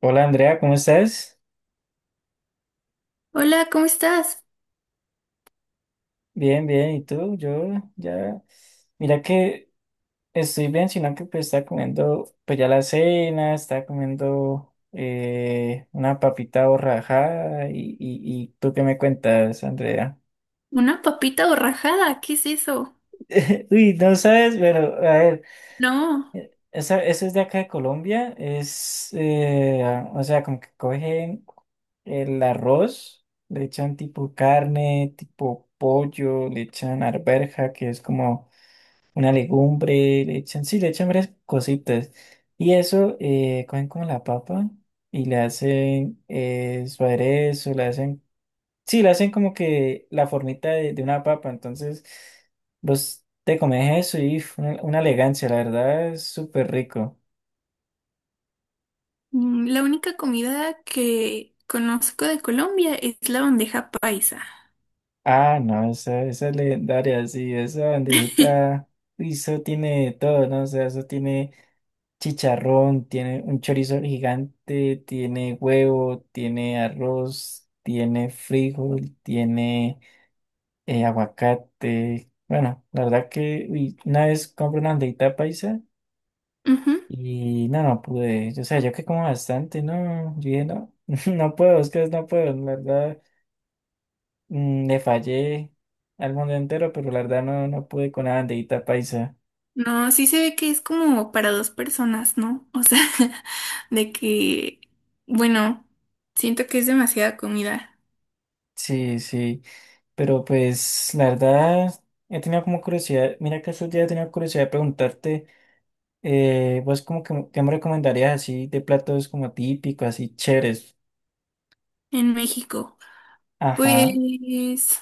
Hola Andrea, ¿cómo estás? Hola, ¿cómo estás? Bien, bien, ¿y tú? Yo ya, mira que estoy bien, sino que pues estaba comiendo pues ya la cena, estaba comiendo una papita borrajada y ¿tú qué me cuentas, Andrea? ¿Una papita borrajada? ¿Qué es eso? Uy, no sabes, pero a ver, No, esa, eso es de acá de Colombia, es, ah, o sea, como que cogen el arroz, le echan tipo carne, tipo pollo, le echan arveja que es como una legumbre, le echan, sí, le echan varias cositas. Y eso, cogen como la papa y le hacen su aderezo, le hacen, sí, le hacen como que la formita de una papa. Entonces, vos te comes eso y uf, una elegancia, la verdad, es súper rico. La única comida que conozco de Colombia es la bandeja paisa. Ah, no, esa es legendaria, sí, esa bandejita, uy eso tiene de todo, ¿no? O sea, eso tiene chicharrón, tiene un chorizo gigante, tiene huevo, tiene arroz, tiene frijol, tiene aguacate. Bueno, la verdad que uy, una vez compré una aldeita paisa Ujú. y no, no pude. O sea, yo que como bastante, no, yo dije, no, no puedo, es que no puedo, la verdad, le fallé al mundo entero, pero la verdad no, no pude con la bandeita paisa. No, sí se ve que es como para dos personas, ¿no? O sea, de que, bueno, siento que es demasiada comida Sí, sí. Pero pues la verdad he tenido como curiosidad, mira que estos días he tenido curiosidad de preguntarte, vos como que qué me recomendarías así de platos como típicos, así chéveres. en México. Ajá. Pues,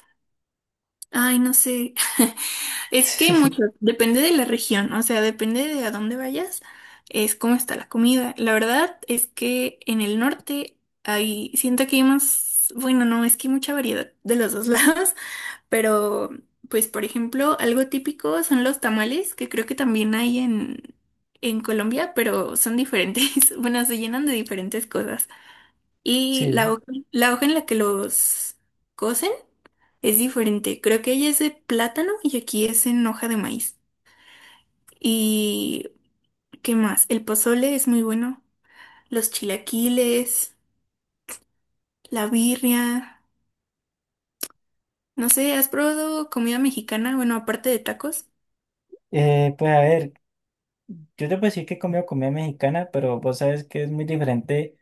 ay, no sé. Es que hay muchos, depende de la región, o sea, depende de a dónde vayas, es cómo está la comida. La verdad es que en el norte hay, siento que hay más, bueno, no, es que hay mucha variedad de los dos lados, pero pues por ejemplo, algo típico son los tamales, que creo que también hay en Colombia, pero son diferentes. Bueno, se llenan de diferentes cosas. Y Sí. La hoja en la que los cocen es diferente, creo que ella es de plátano y aquí es en hoja de maíz. ¿Y qué más? El pozole es muy bueno. Los chilaquiles, la birria. No sé, ¿has probado comida mexicana? Bueno, aparte de tacos. Pues a ver, yo te puedo decir que he comido comida mexicana, pero vos sabes que es muy diferente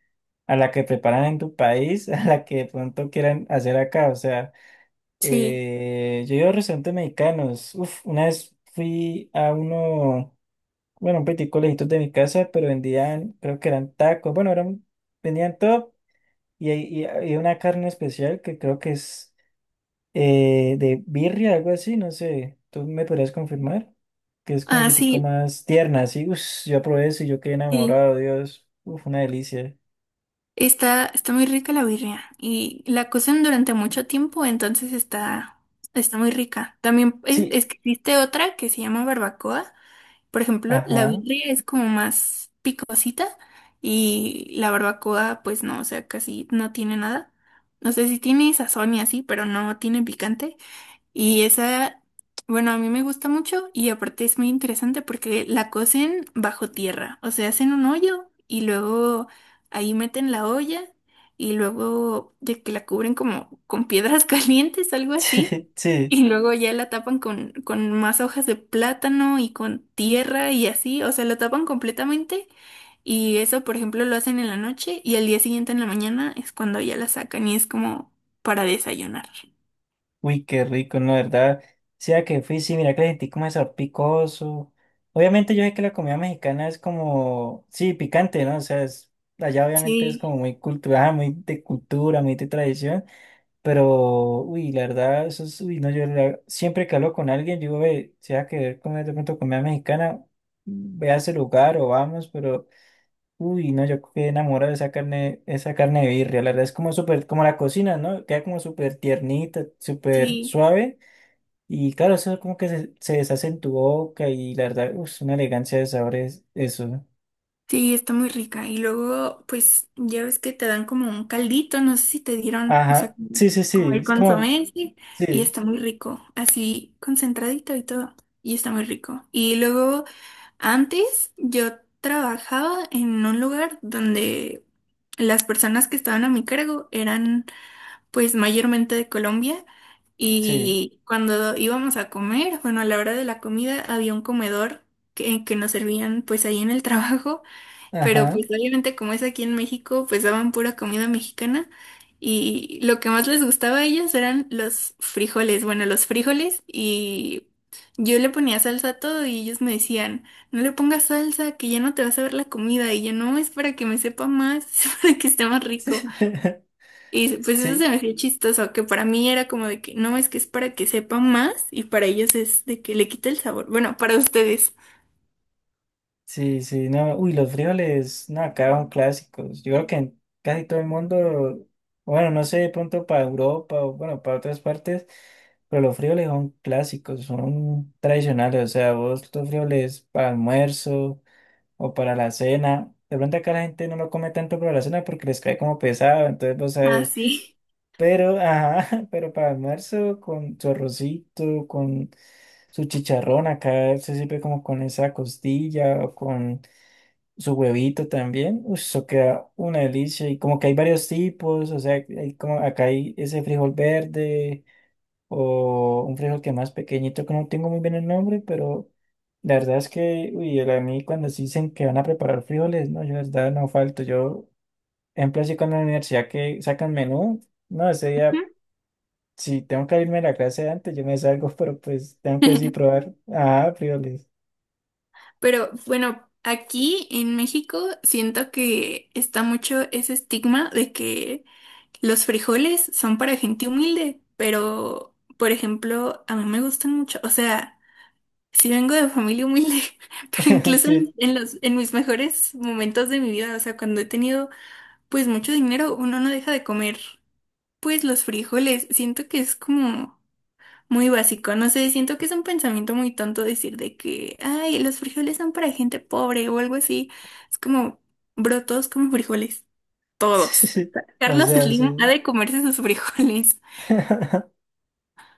a la que preparan en tu país, a la que de pronto quieran hacer acá. O sea, Sí. Yo he ido a restaurantes mexicanos. Uf, una vez fui a uno. Bueno, un peitico lejitos de mi casa, pero vendían, creo que eran tacos, bueno, eran, vendían todo y hay una carne especial que creo que es de birria, algo así, no sé, tú me podrías confirmar, que es como un Ah, peitico sí, más tierna, así, uff, yo probé eso y yo quedé sí. enamorado, Dios, uff, una delicia. Está, está muy rica la birria. Y la cocen durante mucho tiempo, entonces está, está muy rica. También Sí, es que existe otra que se llama barbacoa. Por ejemplo, la ajá, birria es como más picosita y la barbacoa, pues no, o sea, casi no tiene nada. No sé si tiene sazón y así, pero no tiene picante. Y esa, bueno, a mí me gusta mucho y aparte es muy interesante porque la cocen bajo tierra, o sea, hacen un hoyo y luego ahí meten la olla y luego de que la cubren como con piedras calientes, algo así, sí, sí. y luego ya la tapan con más hojas de plátano y con tierra y así, o sea, la tapan completamente y eso, por ejemplo, lo hacen en la noche y al día siguiente en la mañana es cuando ya la sacan y es como para desayunar. Uy, qué rico, no, la verdad. Sea que fui, sí, mira que le sentí como ese picoso. Obviamente yo sé que la comida mexicana es como, sí, picante, ¿no? O sea, es, allá obviamente es Sí, como muy cultural, muy de cultura, muy de tradición, pero, uy, la verdad, eso es, uy, no, yo la- siempre que hablo con alguien, yo ve, sea que comer de pronto comida mexicana, ve a ese lugar o vamos, pero... Uy, no, yo quedé enamorado de esa carne de birria. La verdad es como súper, como la cocina, ¿no? Queda como súper tiernita, súper sí. suave. Y claro, eso como que se deshace en tu boca y la verdad, es una elegancia de sabores, eso. Sí, está muy rica. Y luego, pues, ya ves que te dan como un caldito, no sé si te dieron, o sea, Ajá, sí, sí, como sí, el es como, consomé, sí, y sí, está muy rico, así concentradito y todo, y está muy rico. Y luego, antes yo trabajaba en un lugar donde las personas que estaban a mi cargo eran, pues, mayormente de Colombia. sí, Y cuando íbamos a comer, bueno, a la hora de la comida había un comedor que nos servían pues ahí en el trabajo, pero ajá. pues obviamente como es aquí en México, pues daban pura comida mexicana y lo que más les gustaba a ellos eran los frijoles, bueno, los frijoles y yo le ponía salsa a todo y ellos me decían, no le pongas salsa, que ya no te vas a ver la comida y yo no, es para que me sepa más, es para que esté más rico. Y pues eso se Sí, me hacía chistoso, que para mí era como de que no, es que es para que sepa más y para ellos es de que le quita el sabor, bueno, para ustedes. sí, sí, no, uy, los frijoles, no, acá son clásicos. Yo creo que en casi todo el mundo, bueno, no sé, de pronto para Europa o bueno, para otras partes, pero los frijoles son clásicos, son tradicionales. O sea, vos los frijoles para almuerzo o para la cena. De pronto acá la gente no lo come tanto para la cena porque les cae como pesado, entonces vos Ah, sabes. sí. Pero, ajá, pero para almuerzo con su arrocito, con su chicharrón, acá se sirve como con esa costilla o con su huevito también, uy, eso queda una delicia. Y como que hay varios tipos, o sea, hay como acá hay ese frijol verde o un frijol que es más pequeñito, que no tengo muy bien el nombre, pero la verdad es que, uy, el- a mí cuando se dicen que van a preparar frijoles, no, yo la verdad no falto. Yo, ejemplo, así con la universidad que sacan menú, no, ese día, si tengo que irme a la clase antes, yo me salgo, pero pues tengo que sí probar, ah, frijoles. Pero bueno, aquí en México siento que está mucho ese estigma de que los frijoles son para gente humilde, pero por ejemplo, a mí me gustan mucho, o sea, sí vengo de familia humilde, pero incluso en, Sí, en los en mis mejores momentos de mi vida, o sea, cuando he tenido pues mucho dinero, uno no deja de comer pues los frijoles, siento que es como muy básico, no sé, siento que es un pensamiento muy tonto decir de que, ay, los frijoles son para gente pobre o algo así. Es como, bro, todos como frijoles, todos. sí, o Carlos sea, Slim ha sí. de comerse sus frijoles.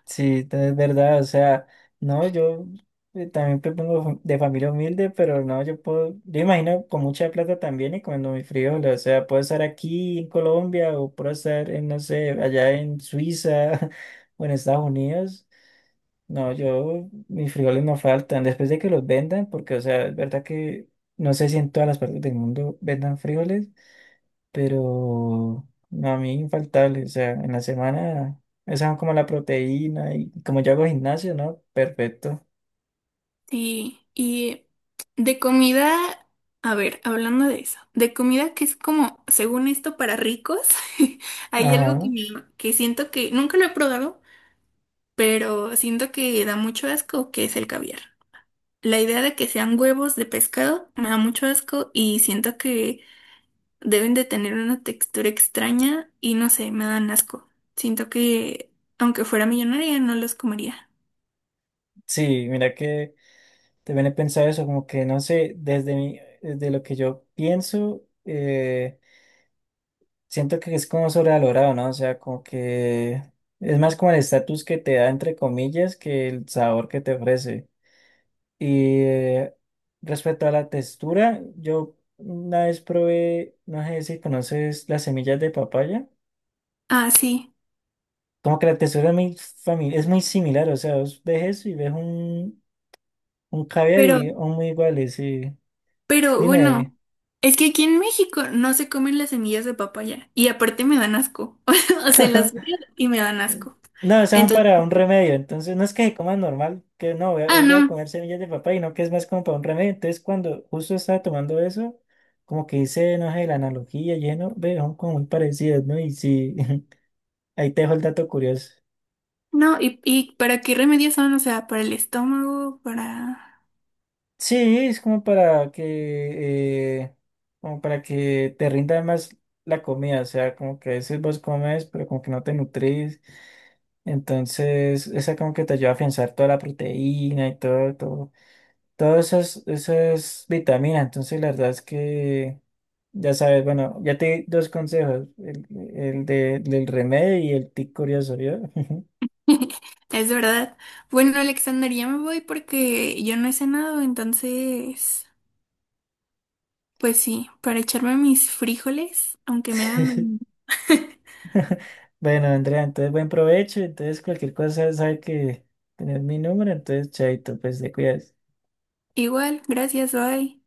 Sí, de verdad, o sea, no, yo también propongo de familia humilde, pero no, yo puedo, yo imagino con mucha plata también y comiendo mis frijoles, o sea, puedo estar aquí en Colombia o puedo estar en, no sé, allá en Suiza o en Estados Unidos. No, yo, mis frijoles no faltan, después de que los vendan, porque, o sea, es verdad que no sé si en todas las partes del mundo vendan frijoles pero a mí infaltable, o sea, en la semana, esa es como la proteína y como yo hago gimnasio, ¿no? Perfecto. Sí, y de comida, a ver, hablando de eso, de comida que es como, según esto, para ricos, hay algo que, Ajá, que siento que nunca lo he probado, pero siento que da mucho asco, que es el caviar. La idea de que sean huevos de pescado me da mucho asco y siento que deben de tener una textura extraña y no sé, me dan asco. Siento que aunque fuera millonaria no los comería. sí, mira que también he pensado eso, como que no sé, desde mi, desde lo que yo pienso, siento que es como sobrevalorado, ¿no? O sea, como que es más como el estatus que te da, entre comillas, que el sabor que te ofrece. Y respecto a la textura, yo una vez probé, no sé si conoces las semillas de papaya, Ah, sí, como que la textura es muy, fami- es muy similar, o sea, vos ves eso y ves un caviar pero, y son muy iguales, y pero dime, bueno, es que aquí en México no se comen las semillas de papaya y aparte me dan asco. O sea, las veo y me dan asco. no, esas son Entonces, para un remedio, entonces no es que se coman normal, que no, voy a, ah, hoy voy a no, comer semillas de papaya, no, que es más como para un remedio, entonces cuando justo estaba tomando eso, como que hice, no sé, la analogía, lleno, ve, son como muy parecidas, ¿no? Y sí. Ahí te dejo el dato curioso. no, y ¿para qué remedios son? O sea, para el estómago, para... Sí, es como para que te rinda más la comida, o sea, como que a veces vos comes, pero como que no te nutrís, entonces esa como que te ayuda a afianzar toda la proteína y todo, todo, todas esas, esas vitaminas, entonces la verdad es que, ya sabes, bueno, ya te di dos consejos, el de- del remedio y el tic curioso, ¿vio? Es verdad. Bueno, Alexander, ya me voy porque yo no he cenado, entonces, pues sí, para echarme mis frijoles, aunque me hagan mañana. Bueno, Andrea, entonces buen provecho. Entonces, cualquier cosa sabe que tener mi número, entonces chaito, pues te cuidas. Igual, gracias, bye.